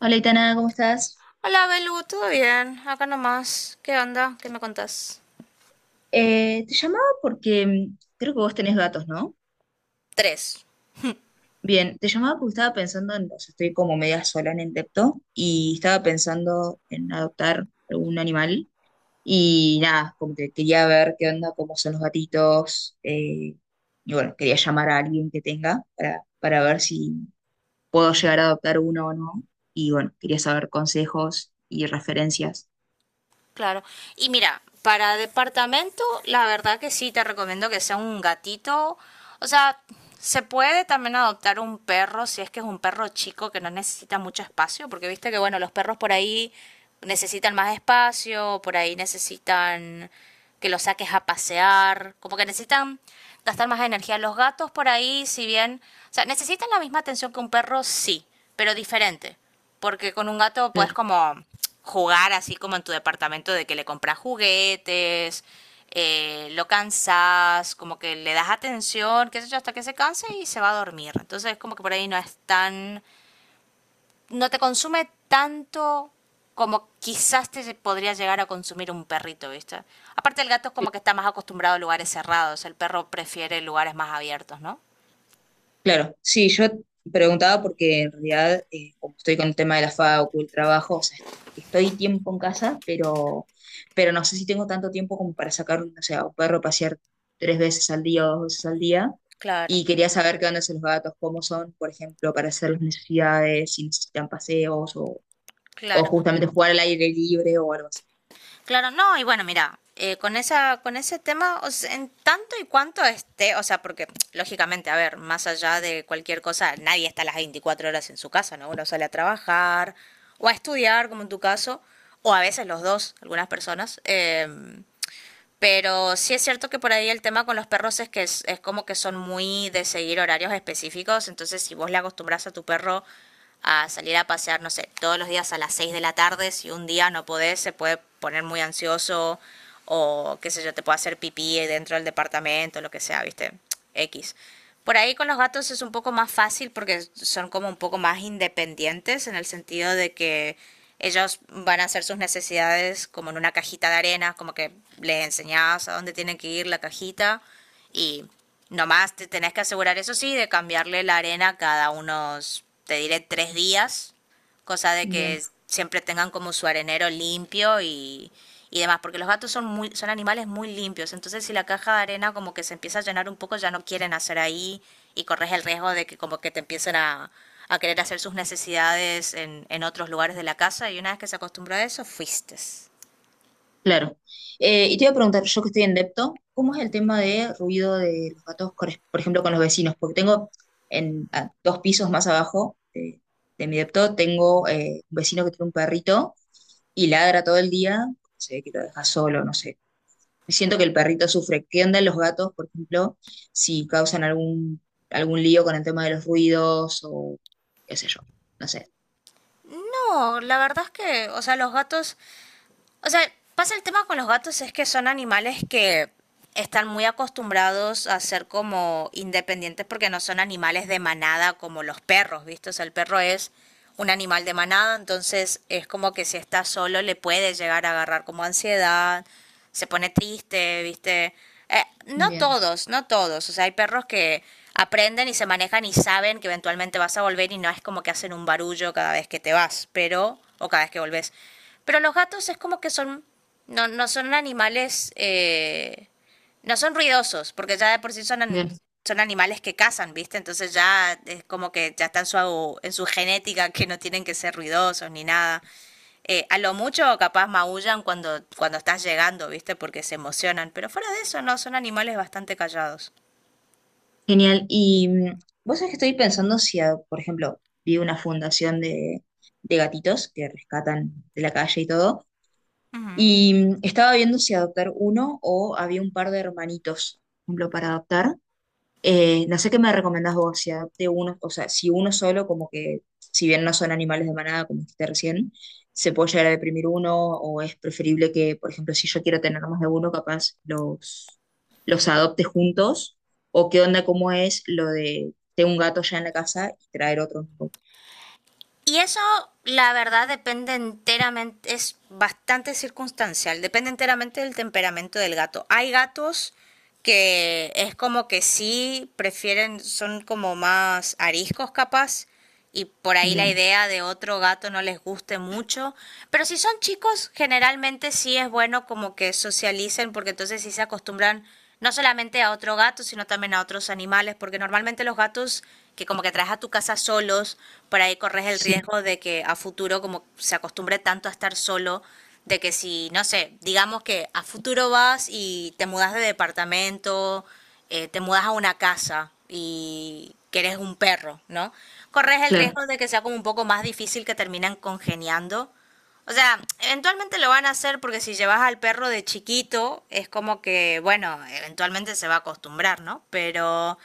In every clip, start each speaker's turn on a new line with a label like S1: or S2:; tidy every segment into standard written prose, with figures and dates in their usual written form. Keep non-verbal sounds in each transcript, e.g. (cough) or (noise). S1: Hola, Itana, ¿cómo estás?
S2: Hola, Belu, ¿todo bien? Acá nomás. ¿Qué onda? ¿Qué me contás?
S1: Te llamaba porque creo que vos tenés gatos, ¿no?
S2: Tres.
S1: Bien, te llamaba porque estaba pensando en, o sea, estoy como media sola en el depto y estaba pensando en adoptar algún animal y nada, como que quería ver qué onda, cómo son los gatitos y bueno, quería llamar a alguien que tenga para ver si puedo llegar a adoptar uno o no y bueno, quería saber consejos y referencias.
S2: Claro. Y mira, para departamento, la verdad que sí, te recomiendo que sea un gatito. O sea, se puede también adoptar un perro si es que es un perro chico que no necesita mucho espacio, porque viste que, bueno, los perros por ahí necesitan más espacio, por ahí necesitan que los saques a pasear, como que necesitan gastar más energía. Los gatos por ahí, si bien, o sea, necesitan la misma atención que un perro, sí, pero diferente. Porque con un gato puedes
S1: Claro.
S2: como jugar así como en tu departamento de que le compras juguetes, lo cansas, como que le das atención, qué sé yo, hasta que se canse y se va a dormir. Entonces como que por ahí no es tan, no te consume tanto como quizás te podría llegar a consumir un perrito, ¿viste? Aparte el gato es como que está más acostumbrado a lugares cerrados, el perro prefiere lugares más abiertos, ¿no?
S1: Claro, sí, yo preguntaba porque en realidad, como estoy con el tema de la facu, el trabajo, o sea, estoy tiempo en casa, pero no sé si tengo tanto tiempo como para sacar, o sea, un perro a pasear tres veces al día o dos veces al día.
S2: Claro,
S1: Y quería saber qué onda son los gatos, cómo son, por ejemplo, para hacer las necesidades, si necesitan paseos o
S2: claro.
S1: justamente jugar al aire libre o algo así.
S2: Claro, no, y bueno, mira, con esa, con ese tema, o sea, en tanto y cuanto esté, o sea, porque lógicamente, a ver, más allá de cualquier cosa, nadie está las 24 horas en su casa, ¿no? Uno sale a trabajar o a estudiar, como en tu caso, o a veces los dos, algunas personas. Pero sí es cierto que por ahí el tema con los perros es que es, como que son muy de seguir horarios específicos. Entonces, si vos le acostumbras a tu perro a salir a pasear, no sé, todos los días a las 6 de la tarde, si un día no podés, se puede poner muy ansioso o qué sé yo, te puede hacer pipí dentro del departamento, lo que sea, ¿viste? X. Por ahí con los gatos es un poco más fácil porque son como un poco más independientes en el sentido de que ellos van a hacer sus necesidades como en una cajita de arena, como que les enseñás a dónde tienen que ir la cajita y nomás te tenés que asegurar, eso sí, de cambiarle la arena cada unos, te diré, 3 días, cosa de que
S1: Bien.
S2: siempre tengan como su arenero limpio y demás, porque los gatos son muy, son animales muy limpios, entonces si la caja de arena como que se empieza a llenar un poco, ya no quieren hacer ahí y corres el riesgo de que como que te empiecen a, querer hacer sus necesidades en otros lugares de la casa y una vez que se acostumbró a eso, fuiste.
S1: Claro. Y te iba a preguntar, yo que estoy en depto, ¿cómo es el tema de ruido de los gatos, por ejemplo, con los vecinos? Porque tengo en a dos pisos más abajo de mi depto, tengo un vecino que tiene un perrito y ladra todo el día, se ve que lo deja solo, no sé. Siento que
S2: Mm.
S1: el perrito sufre. ¿Qué onda los gatos, por ejemplo, si causan algún, algún lío con el tema de los ruidos o qué sé yo? No sé.
S2: No, la verdad es que, o sea, los gatos o sea, pasa el tema con los gatos es que son animales que están muy acostumbrados a ser como independientes porque no son animales de manada como los perros, ¿viste? O sea, el perro es un animal de manada, entonces es como que si está solo le puede llegar a agarrar como ansiedad, se pone triste, ¿viste? No
S1: Bien,
S2: todos, no todos. O sea, hay perros que aprenden y se manejan y saben que eventualmente vas a volver y no es como que hacen un barullo cada vez que te vas, pero, o cada vez que volvés. Pero los gatos es como que son, no, no son animales, no son ruidosos, porque ya de por sí son,
S1: bien.
S2: son animales que cazan, ¿viste? Entonces ya es como que ya están en su genética que no tienen que ser ruidosos ni nada. A lo mucho capaz maullan cuando estás llegando, ¿viste? Porque se emocionan, pero fuera de eso no, son animales bastante callados.
S1: Genial. Y vos sabés que estoy pensando si, ah, por ejemplo, vi una fundación de gatitos que rescatan de la calle y todo,
S2: Ujú.
S1: y estaba viendo si adoptar uno o había un par de hermanitos, por ejemplo, para adoptar. No sé qué me recomendás vos, si adopte uno, o sea, si uno solo, como que, si bien no son animales de manada, como dijiste recién, se puede llegar a deprimir uno, o es preferible que, por ejemplo, si yo quiero tener más de uno, capaz los adopte juntos, o qué onda, cómo es lo de tengo un gato ya en la casa y traer otro.
S2: Y eso, la verdad, depende enteramente, es bastante circunstancial, depende enteramente del temperamento del gato. Hay gatos que es como que sí prefieren, son como más ariscos capaz, y por ahí la
S1: Bien,
S2: idea de otro gato no les guste mucho, pero si son chicos, generalmente sí es bueno como que socialicen, porque entonces sí se acostumbran no solamente a otro gato, sino también a otros animales, porque normalmente los gatos que como que traes a tu casa solos, por ahí corres el
S1: sí,
S2: riesgo de que a futuro como se acostumbre tanto a estar solo, de que si, no sé, digamos que a futuro vas y te mudas de departamento, te mudas a una casa y que eres un perro, ¿no? Corres el
S1: claro,
S2: riesgo de que sea como un poco más difícil que terminan congeniando, o sea, eventualmente lo van a hacer porque si llevas al perro de chiquito, es como que, bueno, eventualmente se va a acostumbrar, ¿no? Pero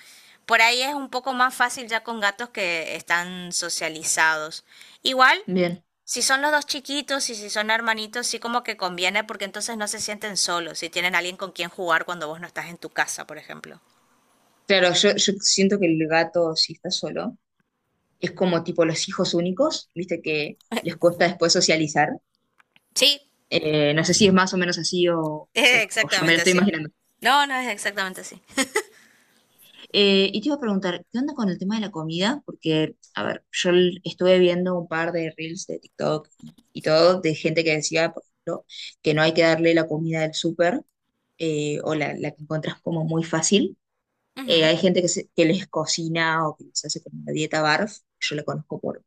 S2: por ahí es un poco más fácil ya con gatos que están socializados. Igual,
S1: bien.
S2: si son los dos chiquitos y si son hermanitos, sí como que conviene porque entonces no se sienten solos, si tienen alguien con quien jugar cuando vos no estás en tu casa, por ejemplo.
S1: Claro, yo siento que el gato, si está solo, es como tipo los hijos únicos, viste que les cuesta después socializar.
S2: Sí,
S1: No sé si es más o menos así o,
S2: (laughs) es
S1: o yo me lo
S2: exactamente
S1: estoy
S2: así.
S1: imaginando.
S2: No, no es exactamente así.
S1: Y te iba a preguntar, ¿qué onda con el tema de la comida? Porque, a ver, yo estuve viendo un par de reels de TikTok y todo de gente que decía, por ejemplo, que no hay que darle la comida del súper o la que encontrás como muy fácil.
S2: Ujú.
S1: Hay gente que, que les cocina o que les hace como una dieta barf. Yo la conozco por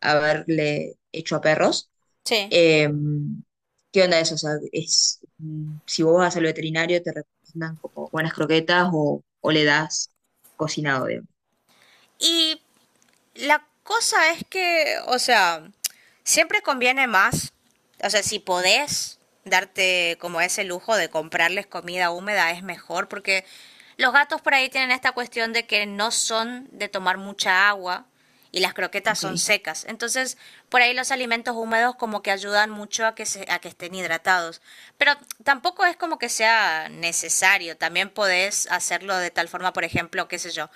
S1: haberle hecho a perros.
S2: Sí.
S1: Eh, ¿Qué onda eso? O sea, es, si vos vas al veterinario, te recomiendan como buenas croquetas o le das cocinado, digamos.
S2: Y la cosa es que, o sea, siempre conviene más, o sea, si podés darte como ese lujo de comprarles comida húmeda es mejor porque los gatos por ahí tienen esta cuestión de que no son de tomar mucha agua y las croquetas
S1: Ok,
S2: son secas. Entonces, por ahí los alimentos húmedos como que ayudan mucho a que, a que estén hidratados. Pero tampoco es como que sea necesario. También podés hacerlo de tal forma, por ejemplo, qué sé yo,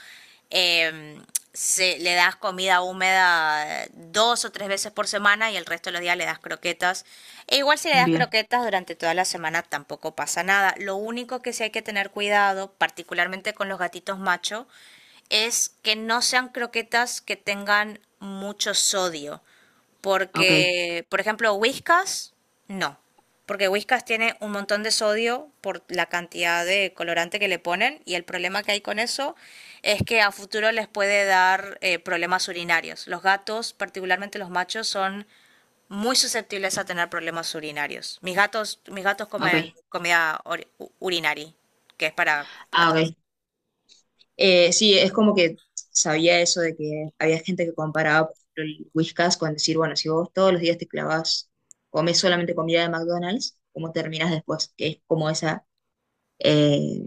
S2: eh, le das comida húmeda dos o tres veces por semana y el resto de los días le das croquetas. E igual si le das
S1: bien,
S2: croquetas durante toda la semana tampoco pasa nada. Lo único que sí hay que tener cuidado, particularmente con los gatitos macho, es que no sean croquetas que tengan mucho sodio.
S1: ok,
S2: Porque, por ejemplo, Whiskas, no. Porque Whiskas tiene un montón de sodio por la cantidad de colorante que le ponen y el problema que hay con eso es que a futuro les puede dar problemas urinarios. Los gatos, particularmente los machos, son muy susceptibles a tener problemas urinarios. Mis gatos comen
S1: ok.
S2: comida urinari, que es para
S1: Ah,
S2: gatos.
S1: ok. Sí, es como que sabía eso de que había gente que comparaba, por ejemplo, el Whiskas con decir, bueno, si vos todos los días te clavas, comes solamente comida de McDonald's, ¿cómo terminas después? Que es como esa, eh,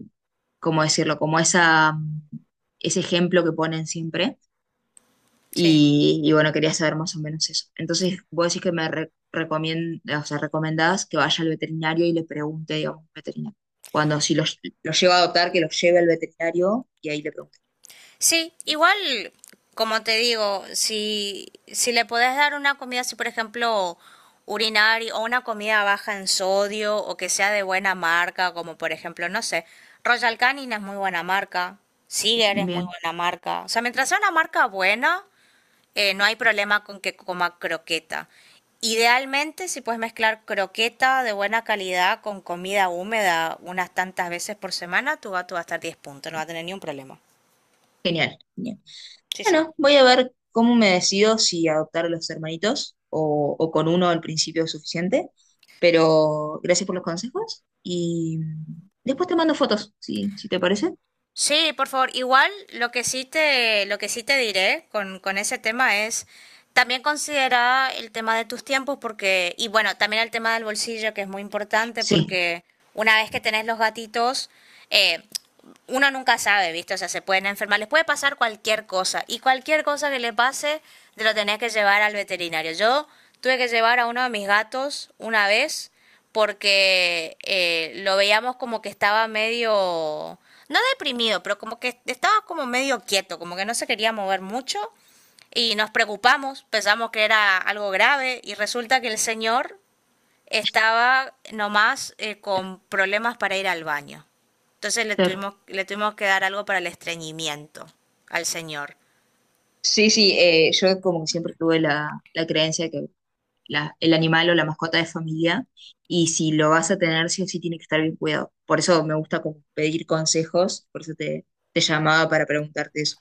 S1: ¿cómo decirlo? Como esa, ese ejemplo que ponen siempre.
S2: Sí.
S1: Y bueno, quería saber más o menos eso. Entonces, vos decís que me o sea, recomendás que vaya al veterinario y le pregunte, digamos, al veterinario. Cuando si lo lleva a adoptar, que lo lleve al veterinario y ahí le pregunte.
S2: Sí, igual, como te digo, si, si le podés dar una comida así, por ejemplo, urinaria o una comida baja en sodio o que sea de buena marca, como por ejemplo, no sé, Royal Canin es muy buena marca, Siger es muy
S1: Bien,
S2: buena marca. O sea, mientras sea una marca buena, no hay problema con que coma croqueta. Idealmente, si puedes mezclar croqueta de buena calidad con comida húmeda unas tantas veces por semana, tu gato va a estar 10 puntos, no va a tener ni un problema.
S1: genial, genial.
S2: Sí, sí.
S1: Bueno, voy a ver cómo me decido si adoptar a los hermanitos o con uno al principio es suficiente. Pero gracias por los consejos y después te mando fotos, si, si te parece.
S2: Sí, por favor. Igual lo que sí te, lo que sí te diré con ese tema es también considera el tema de tus tiempos porque, y bueno, también el tema del bolsillo que es muy importante
S1: Sí,
S2: porque una vez que tenés los gatitos, eh, uno nunca sabe, ¿viste? O sea, se pueden enfermar, les puede pasar cualquier cosa y cualquier cosa que le pase, te lo tenés que llevar al veterinario. Yo tuve que llevar a uno de mis gatos una vez porque lo veíamos como que estaba medio, no deprimido, pero como que estaba como medio quieto, como que no se quería mover mucho y nos preocupamos, pensamos que era algo grave y resulta que el señor estaba nomás con problemas para ir al baño. Entonces
S1: claro.
S2: le tuvimos que dar algo para el estreñimiento al señor.
S1: Sí, sí, yo como que siempre tuve la, la creencia que el animal o la mascota es familia y si lo vas a tener, sí o sí tiene que estar bien cuidado. Por eso me gusta como pedir consejos, por eso te llamaba para preguntarte eso.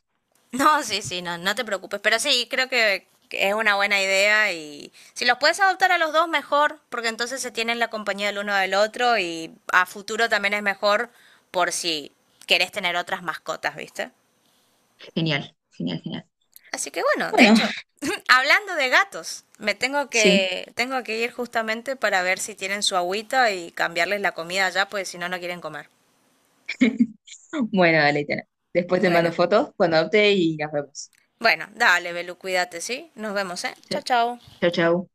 S2: No, sí, sí, no, no te preocupes. Pero sí, creo que es una buena idea y si los puedes adoptar a los dos, mejor, porque entonces se tienen la compañía del uno del otro y a futuro también es mejor por si querés tener otras mascotas, ¿viste?
S1: Genial, genial, genial.
S2: Así que bueno, de
S1: Bueno,
S2: hecho,
S1: (laughs)
S2: (laughs) hablando de gatos,
S1: sí.
S2: tengo que ir justamente para ver si tienen su agüita y cambiarles la comida ya, pues si no, no quieren comer.
S1: Bueno, dale, Itana. Después te mando
S2: Bueno,
S1: fotos cuando adopte y las vemos.
S2: bueno, dale, Belu, cuídate, ¿sí? Nos vemos, ¿eh? Chao, chao.
S1: Chao, chao.